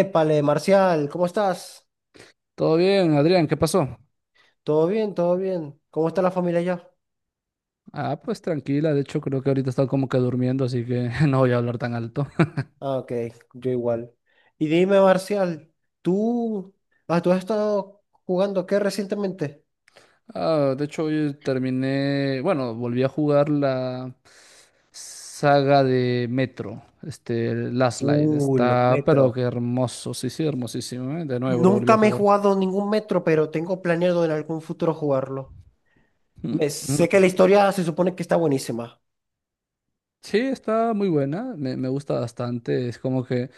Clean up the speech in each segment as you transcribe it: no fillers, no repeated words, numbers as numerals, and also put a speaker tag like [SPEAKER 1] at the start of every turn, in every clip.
[SPEAKER 1] Épale, Marcial, ¿cómo estás?
[SPEAKER 2] Todo bien, Adrián, ¿qué pasó?
[SPEAKER 1] ¿Todo bien? ¿Todo bien? ¿Cómo está la familia ya?
[SPEAKER 2] Pues tranquila, de hecho creo que ahorita está como que durmiendo, así que no voy a hablar tan alto.
[SPEAKER 1] Ah, ok, yo igual. Y dime, Marcial, ¿tú, tú has estado jugando qué recientemente?
[SPEAKER 2] De hecho hoy terminé, bueno, volví a jugar la saga de Metro, el Last Light,
[SPEAKER 1] Los
[SPEAKER 2] está, pero
[SPEAKER 1] metros.
[SPEAKER 2] qué hermoso, sí, sí, hermosísimo, ¿eh? De nuevo lo volví
[SPEAKER 1] Nunca
[SPEAKER 2] a
[SPEAKER 1] me he
[SPEAKER 2] jugar.
[SPEAKER 1] jugado ningún metro, pero tengo planeado en algún futuro jugarlo.
[SPEAKER 2] Mm,
[SPEAKER 1] Sé que
[SPEAKER 2] mm.
[SPEAKER 1] la historia se supone que está buenísima.
[SPEAKER 2] Sí, está muy buena, me gusta bastante, es como que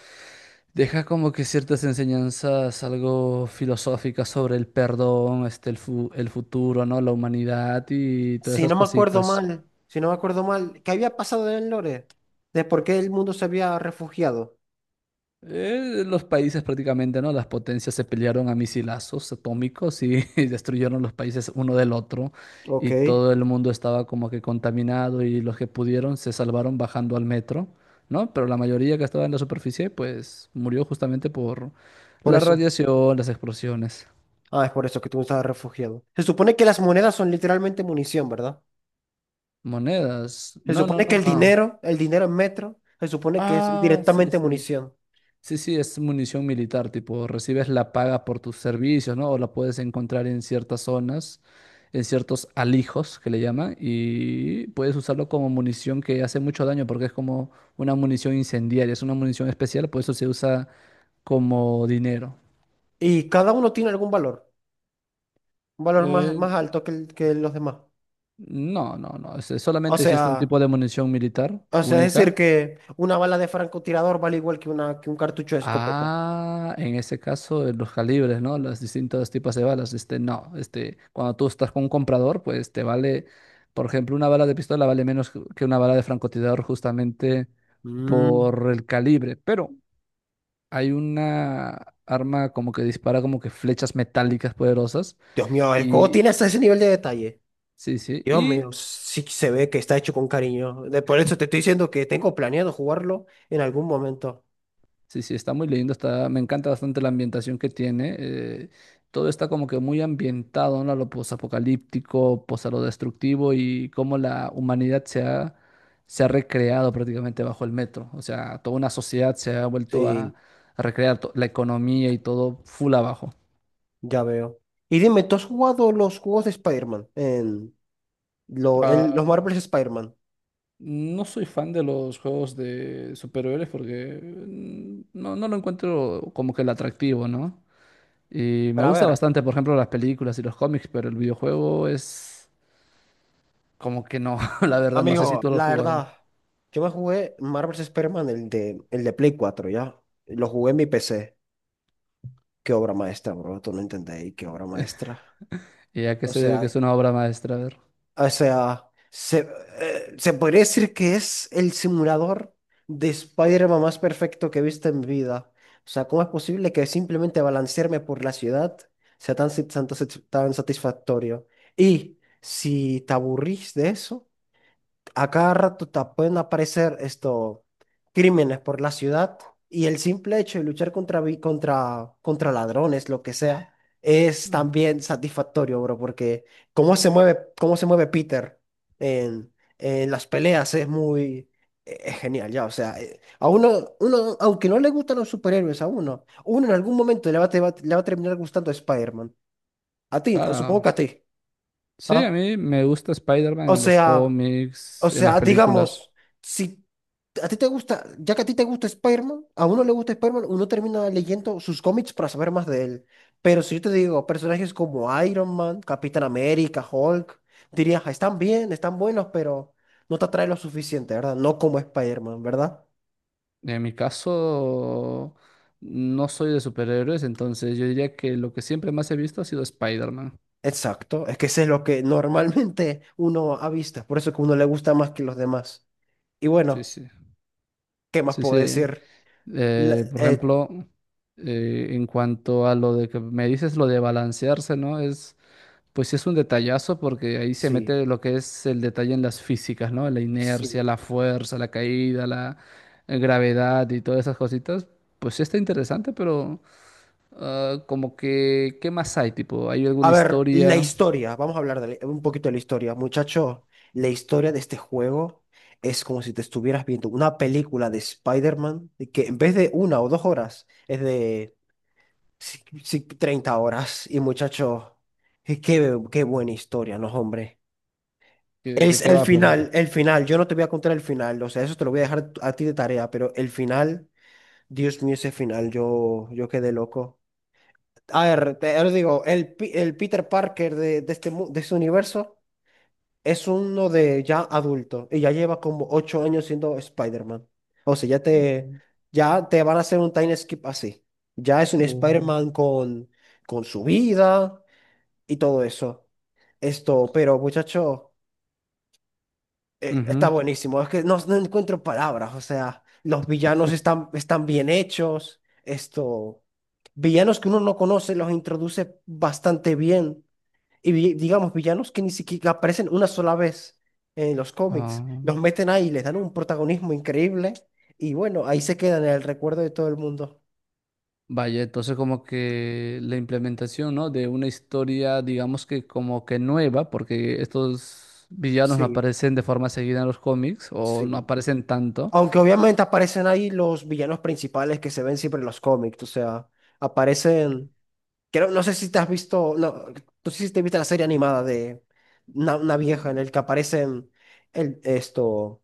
[SPEAKER 2] deja como que ciertas enseñanzas algo filosóficas sobre el perdón, el el futuro, ¿no? La humanidad y todas
[SPEAKER 1] Si
[SPEAKER 2] esas
[SPEAKER 1] no me acuerdo
[SPEAKER 2] cositas.
[SPEAKER 1] mal, si no me acuerdo mal, ¿qué había pasado en el lore? ¿De por qué el mundo se había refugiado?
[SPEAKER 2] Los países prácticamente, ¿no? Las potencias se pelearon a misilazos atómicos y, y destruyeron los países uno del otro,
[SPEAKER 1] Ok,
[SPEAKER 2] y todo el mundo estaba como que contaminado, y los que pudieron se salvaron bajando al metro, ¿no? Pero la mayoría que estaba en la superficie pues murió justamente por
[SPEAKER 1] por
[SPEAKER 2] la
[SPEAKER 1] eso.
[SPEAKER 2] radiación, las explosiones.
[SPEAKER 1] Ah, es por eso que tú estabas refugiado. Se supone que las monedas son literalmente munición, ¿verdad?
[SPEAKER 2] Monedas.
[SPEAKER 1] Se
[SPEAKER 2] No, no,
[SPEAKER 1] supone que
[SPEAKER 2] no, no.
[SPEAKER 1] el dinero en metro, se supone que es
[SPEAKER 2] Ah, sí,
[SPEAKER 1] directamente
[SPEAKER 2] sí.
[SPEAKER 1] munición.
[SPEAKER 2] Sí, sí, es munición militar, tipo, recibes la paga por tus servicios, ¿no? O la puedes encontrar en ciertas zonas, en ciertos alijos que le llaman, y puedes usarlo como munición que hace mucho daño porque es como una munición incendiaria, es una munición especial, por eso se usa como dinero.
[SPEAKER 1] Y cada uno tiene algún valor, un valor más,
[SPEAKER 2] Eh,
[SPEAKER 1] más alto que los demás.
[SPEAKER 2] no, no, no,
[SPEAKER 1] O
[SPEAKER 2] solamente existe un
[SPEAKER 1] sea,
[SPEAKER 2] tipo de munición militar
[SPEAKER 1] o sea, es decir
[SPEAKER 2] única.
[SPEAKER 1] que una bala de francotirador vale igual que un cartucho de escopeta.
[SPEAKER 2] Ah, en ese caso, de los calibres, ¿no? Los distintos tipos de balas. No, cuando tú estás con un comprador, pues te vale, por ejemplo, una bala de pistola vale menos que una bala de francotirador justamente
[SPEAKER 1] Mm,
[SPEAKER 2] por el calibre. Pero hay una arma como que dispara como que flechas metálicas poderosas.
[SPEAKER 1] Dios mío, el juego
[SPEAKER 2] Y
[SPEAKER 1] tiene hasta ese nivel de detalle.
[SPEAKER 2] sí, sí.
[SPEAKER 1] Dios mío, sí que se ve que está hecho con cariño. Por eso te estoy diciendo que tengo planeado jugarlo en algún momento.
[SPEAKER 2] Sí, sí, está muy lindo, está, me encanta bastante la ambientación que tiene. Todo está como que muy ambientado, ¿no? A lo posapocalíptico, pues a lo destructivo, y cómo la humanidad se ha recreado prácticamente bajo el metro. O sea, toda una sociedad se ha vuelto
[SPEAKER 1] Sí.
[SPEAKER 2] a recrear la economía y todo full abajo.
[SPEAKER 1] Ya veo. Y dime, ¿tú has jugado los juegos de Spider-Man? En los
[SPEAKER 2] Ah,
[SPEAKER 1] Marvel's Spider-Man.
[SPEAKER 2] no soy fan de los juegos de superhéroes porque no, no lo encuentro como que el atractivo, ¿no? Y me
[SPEAKER 1] Pero
[SPEAKER 2] gusta
[SPEAKER 1] ver,
[SPEAKER 2] bastante, por ejemplo, las películas y los cómics, pero el videojuego es como que no, la verdad, no sé si
[SPEAKER 1] Amigo,
[SPEAKER 2] tú lo has
[SPEAKER 1] la
[SPEAKER 2] jugado.
[SPEAKER 1] verdad, yo me jugué Marvel's Spider-Man, el de Play cuatro, ¿ya? Lo jugué en mi PC. Qué obra maestra, bro. Tú no entendéis, qué obra maestra.
[SPEAKER 2] ¿Y a qué
[SPEAKER 1] O
[SPEAKER 2] se debe que
[SPEAKER 1] sea,
[SPEAKER 2] es una obra maestra? A ver.
[SPEAKER 1] O sea, se, Se podría decir que es el simulador de Spider-Man más perfecto que he visto en mi vida. O sea, ¿cómo es posible que simplemente balancearme por la ciudad sea tan satisfactorio? Y si te aburrís de eso, a cada rato te pueden aparecer esto, crímenes por la ciudad, y el simple hecho de luchar contra ladrones, lo que sea, es
[SPEAKER 2] Mm,
[SPEAKER 1] también satisfactorio, bro, porque cómo se mueve Peter en las peleas es muy... Es genial, ya, o sea, a uno, aunque no le gustan los superhéroes, a uno en algún momento le va a terminar gustando Spider-Man. A ti, supongo
[SPEAKER 2] Claro.
[SPEAKER 1] que a ti.
[SPEAKER 2] Sí, a
[SPEAKER 1] ¿Ah?
[SPEAKER 2] mí me gusta Spider-Man
[SPEAKER 1] O
[SPEAKER 2] en los
[SPEAKER 1] sea,
[SPEAKER 2] cómics, en las películas.
[SPEAKER 1] digamos, si a ti te gusta, ya que a ti te gusta Spider-Man, a uno le gusta Spider-Man, uno termina leyendo sus cómics para saber más de él. Pero si yo te digo personajes como Iron Man, Capitán América, Hulk, dirías, "Ah, están bien, están buenos, pero no te atrae lo suficiente, ¿verdad? No como Spider-Man, ¿verdad?
[SPEAKER 2] En mi caso, no soy de superhéroes, entonces yo diría que lo que siempre más he visto ha sido Spider-Man.
[SPEAKER 1] Exacto, es que ese es lo que normalmente uno avista, por eso que uno le gusta más que los demás. Y
[SPEAKER 2] Sí,
[SPEAKER 1] bueno,
[SPEAKER 2] sí.
[SPEAKER 1] ¿qué más
[SPEAKER 2] Sí,
[SPEAKER 1] puedo
[SPEAKER 2] sí.
[SPEAKER 1] decir? La-
[SPEAKER 2] Por
[SPEAKER 1] eh,
[SPEAKER 2] ejemplo, en cuanto a lo de que me dices, lo de balancearse, ¿no? Es. Pues sí es un detallazo porque ahí se
[SPEAKER 1] sí,
[SPEAKER 2] mete lo que es el detalle en las físicas, ¿no? La inercia,
[SPEAKER 1] sí.
[SPEAKER 2] la fuerza, la caída, la gravedad y todas esas cositas. Pues sí está interesante, pero ah, como que, ¿qué más hay? Tipo, ¿hay
[SPEAKER 1] A
[SPEAKER 2] alguna
[SPEAKER 1] ver, la
[SPEAKER 2] historia?
[SPEAKER 1] historia, vamos a hablar de un poquito de la historia. Muchacho, la historia de este juego es como si te estuvieras viendo una película de Spider-Man y que en vez de una o dos horas es de 30 horas. Y muchacho, y qué, qué buena historia, ¿no, hombre?
[SPEAKER 2] ¿Qué- ¿De
[SPEAKER 1] Es
[SPEAKER 2] qué
[SPEAKER 1] el
[SPEAKER 2] va, pero?
[SPEAKER 1] final, el final. Yo no te voy a contar el final, o sea, eso te lo voy a dejar a ti de tarea, pero el final, Dios mío, ese final, yo quedé loco. A ver, te, os digo, el Peter Parker de este, de este universo, es uno de ya adulto y ya lleva como 8 años siendo Spider-Man. O sea, ya te,
[SPEAKER 2] Mm,
[SPEAKER 1] ya te van a hacer un time skip así. Ya es un
[SPEAKER 2] o-
[SPEAKER 1] Spider-Man con su vida y todo eso. Esto, pero muchacho, está
[SPEAKER 2] ujú.
[SPEAKER 1] buenísimo. Es que no, no encuentro palabras. O sea, los villanos están bien hechos. Esto, villanos que uno no conoce los introduce bastante bien, y digamos villanos que ni siquiera aparecen una sola vez en los cómics.
[SPEAKER 2] Ah,
[SPEAKER 1] Los meten ahí, les dan un protagonismo increíble y bueno, ahí se quedan en el recuerdo de todo el mundo.
[SPEAKER 2] vaya, entonces como que la implementación, ¿no? De una historia, digamos que como que nueva, porque estos villanos no
[SPEAKER 1] Sí,
[SPEAKER 2] aparecen de forma seguida en los cómics o no
[SPEAKER 1] sí.
[SPEAKER 2] aparecen tanto.
[SPEAKER 1] Aunque obviamente aparecen ahí los villanos principales que se ven siempre en los cómics, o sea, aparecen. Creo, no sé si te has visto, no, no sé si te viste la serie animada de una vieja en el que aparecen el, esto,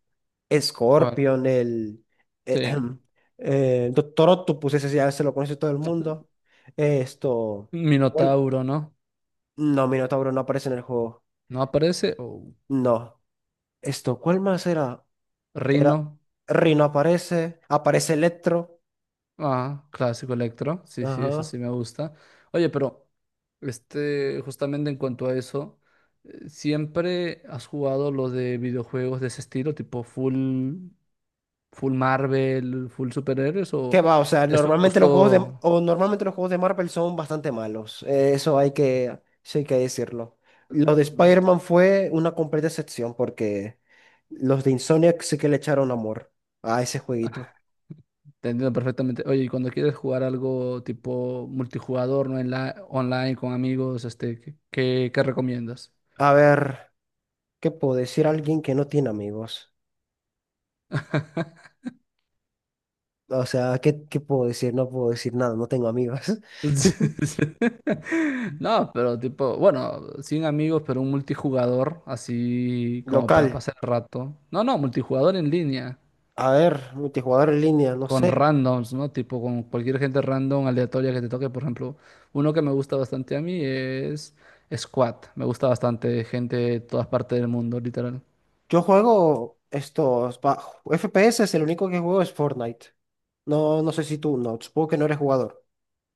[SPEAKER 2] ¿Cuál?
[SPEAKER 1] Scorpion, el
[SPEAKER 2] Sí.
[SPEAKER 1] ejem, Doctor Octopus, ese ya se lo conoce todo el mundo. Esto, ¿cuál?
[SPEAKER 2] Minotauro, ¿no?
[SPEAKER 1] No, Minotauro no aparece en el juego.
[SPEAKER 2] ¿No aparece? O
[SPEAKER 1] No. Esto, ¿cuál más era? Era,
[SPEAKER 2] rino.
[SPEAKER 1] Rino aparece, aparece Electro.
[SPEAKER 2] Ah, clásico Electro. Sí, sí, eso
[SPEAKER 1] Ajá.
[SPEAKER 2] sí me gusta. Oye, pero justamente en cuanto a eso, ¿siempre has jugado lo de videojuegos de ese estilo, tipo full? ¿Full Marvel, full superhéroes
[SPEAKER 1] ¿Qué
[SPEAKER 2] o
[SPEAKER 1] va? O sea,
[SPEAKER 2] es un
[SPEAKER 1] normalmente los juegos de,
[SPEAKER 2] gusto?
[SPEAKER 1] o normalmente los juegos de Marvel son bastante malos. Eso hay que, sí hay que decirlo. Lo de
[SPEAKER 2] Mm.
[SPEAKER 1] Spider-Man fue una completa excepción porque los de Insomniac sí que le echaron amor a ese jueguito.
[SPEAKER 2] Ajá, te entiendo perfectamente. Oye, y cuando quieres jugar algo tipo multijugador, ¿no? En la, online con amigos, ¿qué, qué recomiendas?
[SPEAKER 1] A ver, ¿qué puedo decir a alguien que no tiene amigos? O sea, ¿qué, qué puedo decir? No puedo decir nada, no tengo amigos.
[SPEAKER 2] No, pero tipo, bueno, sin amigos, pero un multijugador, así como para
[SPEAKER 1] Local,
[SPEAKER 2] pasar el rato. No, no, multijugador en línea.
[SPEAKER 1] a ver, multijugador en línea, no
[SPEAKER 2] Con
[SPEAKER 1] sé.
[SPEAKER 2] randoms, ¿no? Tipo con cualquier gente random, aleatoria que te toque. Por ejemplo, uno que me gusta bastante a mí es Squad. Me gusta bastante, gente de todas partes del mundo, literal.
[SPEAKER 1] Yo juego estos FPS, es el único que juego, es Fortnite. No, no sé si tú, no, supongo que no eres jugador.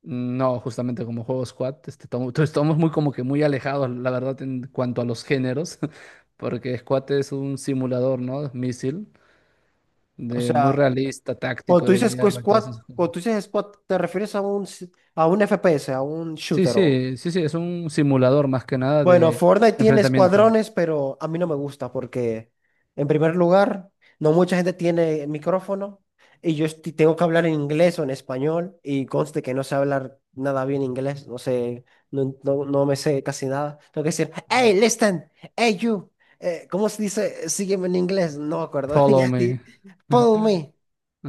[SPEAKER 2] No, justamente como juego Squad, estamos muy como que muy alejados, la verdad, en cuanto a los géneros, porque Squad es un simulador, ¿no? Misil,
[SPEAKER 1] O
[SPEAKER 2] de
[SPEAKER 1] sea,
[SPEAKER 2] muy realista,
[SPEAKER 1] cuando
[SPEAKER 2] táctico,
[SPEAKER 1] tú
[SPEAKER 2] de
[SPEAKER 1] dices
[SPEAKER 2] guerra y todas esas cosas.
[SPEAKER 1] squad, ¿te refieres a a un FPS, a un
[SPEAKER 2] Sí,
[SPEAKER 1] shooter o,
[SPEAKER 2] sí, sí, sí, es un simulador más que nada
[SPEAKER 1] bueno,
[SPEAKER 2] de
[SPEAKER 1] Fortnite tiene
[SPEAKER 2] enfrentamiento.
[SPEAKER 1] escuadrones, pero a mí no me gusta porque, en primer lugar, no mucha gente tiene micrófono y yo tengo que hablar en inglés o en español, y conste que no sé hablar nada bien inglés, no sé, no me sé casi nada. Tengo que decir, hey, listen, hey, you, ¿cómo se dice? Sígueme en inglés, no me acuerdo.
[SPEAKER 2] Follow
[SPEAKER 1] Ya,
[SPEAKER 2] me.
[SPEAKER 1] sí, Follow me,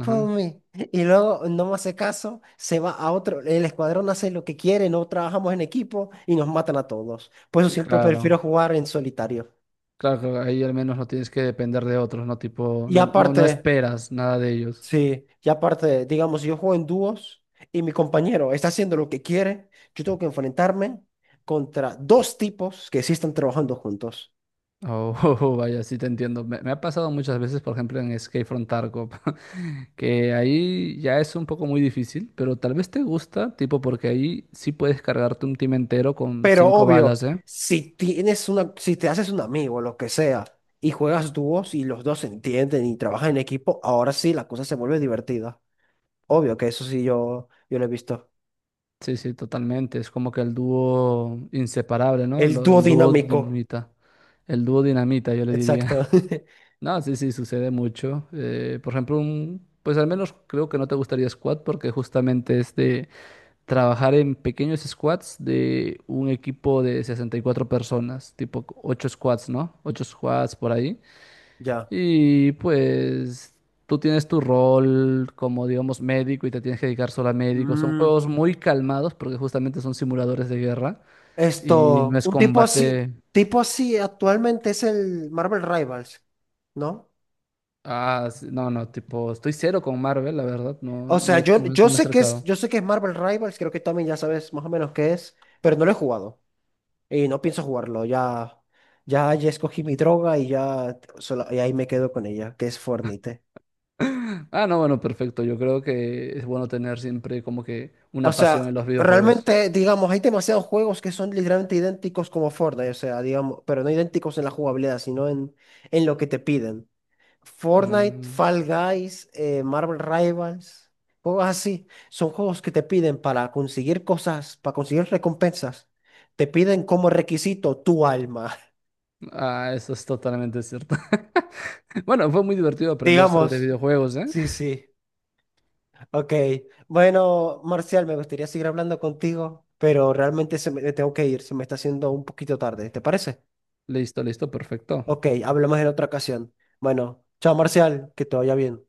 [SPEAKER 1] follow me. Y luego no me hace caso, se va a otro, el escuadrón hace lo que quiere, no trabajamos en equipo y nos matan a todos. Por eso
[SPEAKER 2] Y
[SPEAKER 1] siempre prefiero
[SPEAKER 2] claro,
[SPEAKER 1] jugar en solitario.
[SPEAKER 2] claro, que ahí al menos no tienes que depender de otros, ¿no? Tipo,
[SPEAKER 1] Y
[SPEAKER 2] no, no, no
[SPEAKER 1] aparte,
[SPEAKER 2] esperas nada de ellos.
[SPEAKER 1] sí, y aparte, digamos, si yo juego en dúos y mi compañero está haciendo lo que quiere, yo tengo que enfrentarme contra dos tipos que sí están trabajando juntos.
[SPEAKER 2] Oh, vaya, sí te entiendo. Me ha pasado muchas veces, por ejemplo, en Escape from Tarkov, que ahí ya es un poco muy difícil, pero tal vez te gusta, tipo, porque ahí sí puedes cargarte un team entero con
[SPEAKER 1] Pero
[SPEAKER 2] cinco
[SPEAKER 1] obvio,
[SPEAKER 2] balas, ¿eh?
[SPEAKER 1] si te haces un amigo, lo que sea, y juegas dúos y los dos se entienden y trabajan en equipo, ahora sí la cosa se vuelve divertida. Obvio que eso sí yo lo he visto.
[SPEAKER 2] Sí, sí, totalmente. Es como que el dúo inseparable, ¿no?
[SPEAKER 1] El dúo
[SPEAKER 2] El dúo
[SPEAKER 1] dinámico.
[SPEAKER 2] dinamita. El dúo dinamita, yo le diría.
[SPEAKER 1] Exacto.
[SPEAKER 2] No, sí, sí, sucede mucho. Por ejemplo, un, pues al menos creo que no te gustaría squat porque justamente es de trabajar en pequeños squats de un equipo de 64 personas, tipo 8 squats, ¿no? 8 squats por ahí.
[SPEAKER 1] Ya.
[SPEAKER 2] Y pues tú tienes tu rol como, digamos, médico, y te tienes que dedicar solo a médico. Son
[SPEAKER 1] Mm,
[SPEAKER 2] juegos muy calmados porque justamente son simuladores de guerra y no
[SPEAKER 1] esto,
[SPEAKER 2] es combate.
[SPEAKER 1] tipo así actualmente es el Marvel Rivals, ¿no?
[SPEAKER 2] Sí, no, no, tipo, estoy cero con Marvel, la verdad, no,
[SPEAKER 1] O
[SPEAKER 2] no,
[SPEAKER 1] sea,
[SPEAKER 2] no me he acercado.
[SPEAKER 1] yo sé que es Marvel Rivals, creo que también ya sabes más o menos qué es, pero no lo he jugado y no pienso jugarlo. Ya, ya escogí mi droga y ya, y ahí me quedo con ella, que es Fornite.
[SPEAKER 2] Ah, no, bueno, perfecto. Yo creo que es bueno tener siempre como que
[SPEAKER 1] O
[SPEAKER 2] una pasión
[SPEAKER 1] sea,
[SPEAKER 2] en los videojuegos.
[SPEAKER 1] realmente, digamos, hay demasiados juegos que son literalmente idénticos como Fortnite, o sea, digamos, pero no idénticos en la jugabilidad, sino en lo que te piden. Fortnite,
[SPEAKER 2] Mm,
[SPEAKER 1] Fall Guys, Marvel Rivals, juegos así, son juegos que te piden para conseguir cosas, para conseguir recompensas, te piden como requisito tu alma,
[SPEAKER 2] ah, eso es totalmente cierto. Bueno, fue muy divertido aprender sobre
[SPEAKER 1] digamos.
[SPEAKER 2] videojuegos, ¿eh?
[SPEAKER 1] Sí, sí, ok. Bueno, Marcial, me gustaría seguir hablando contigo, pero realmente se me, tengo que ir, se me está haciendo un poquito tarde, ¿te parece?
[SPEAKER 2] Listo, listo, perfecto.
[SPEAKER 1] Ok, hablamos en otra ocasión. Bueno, chao Marcial, que te vaya bien.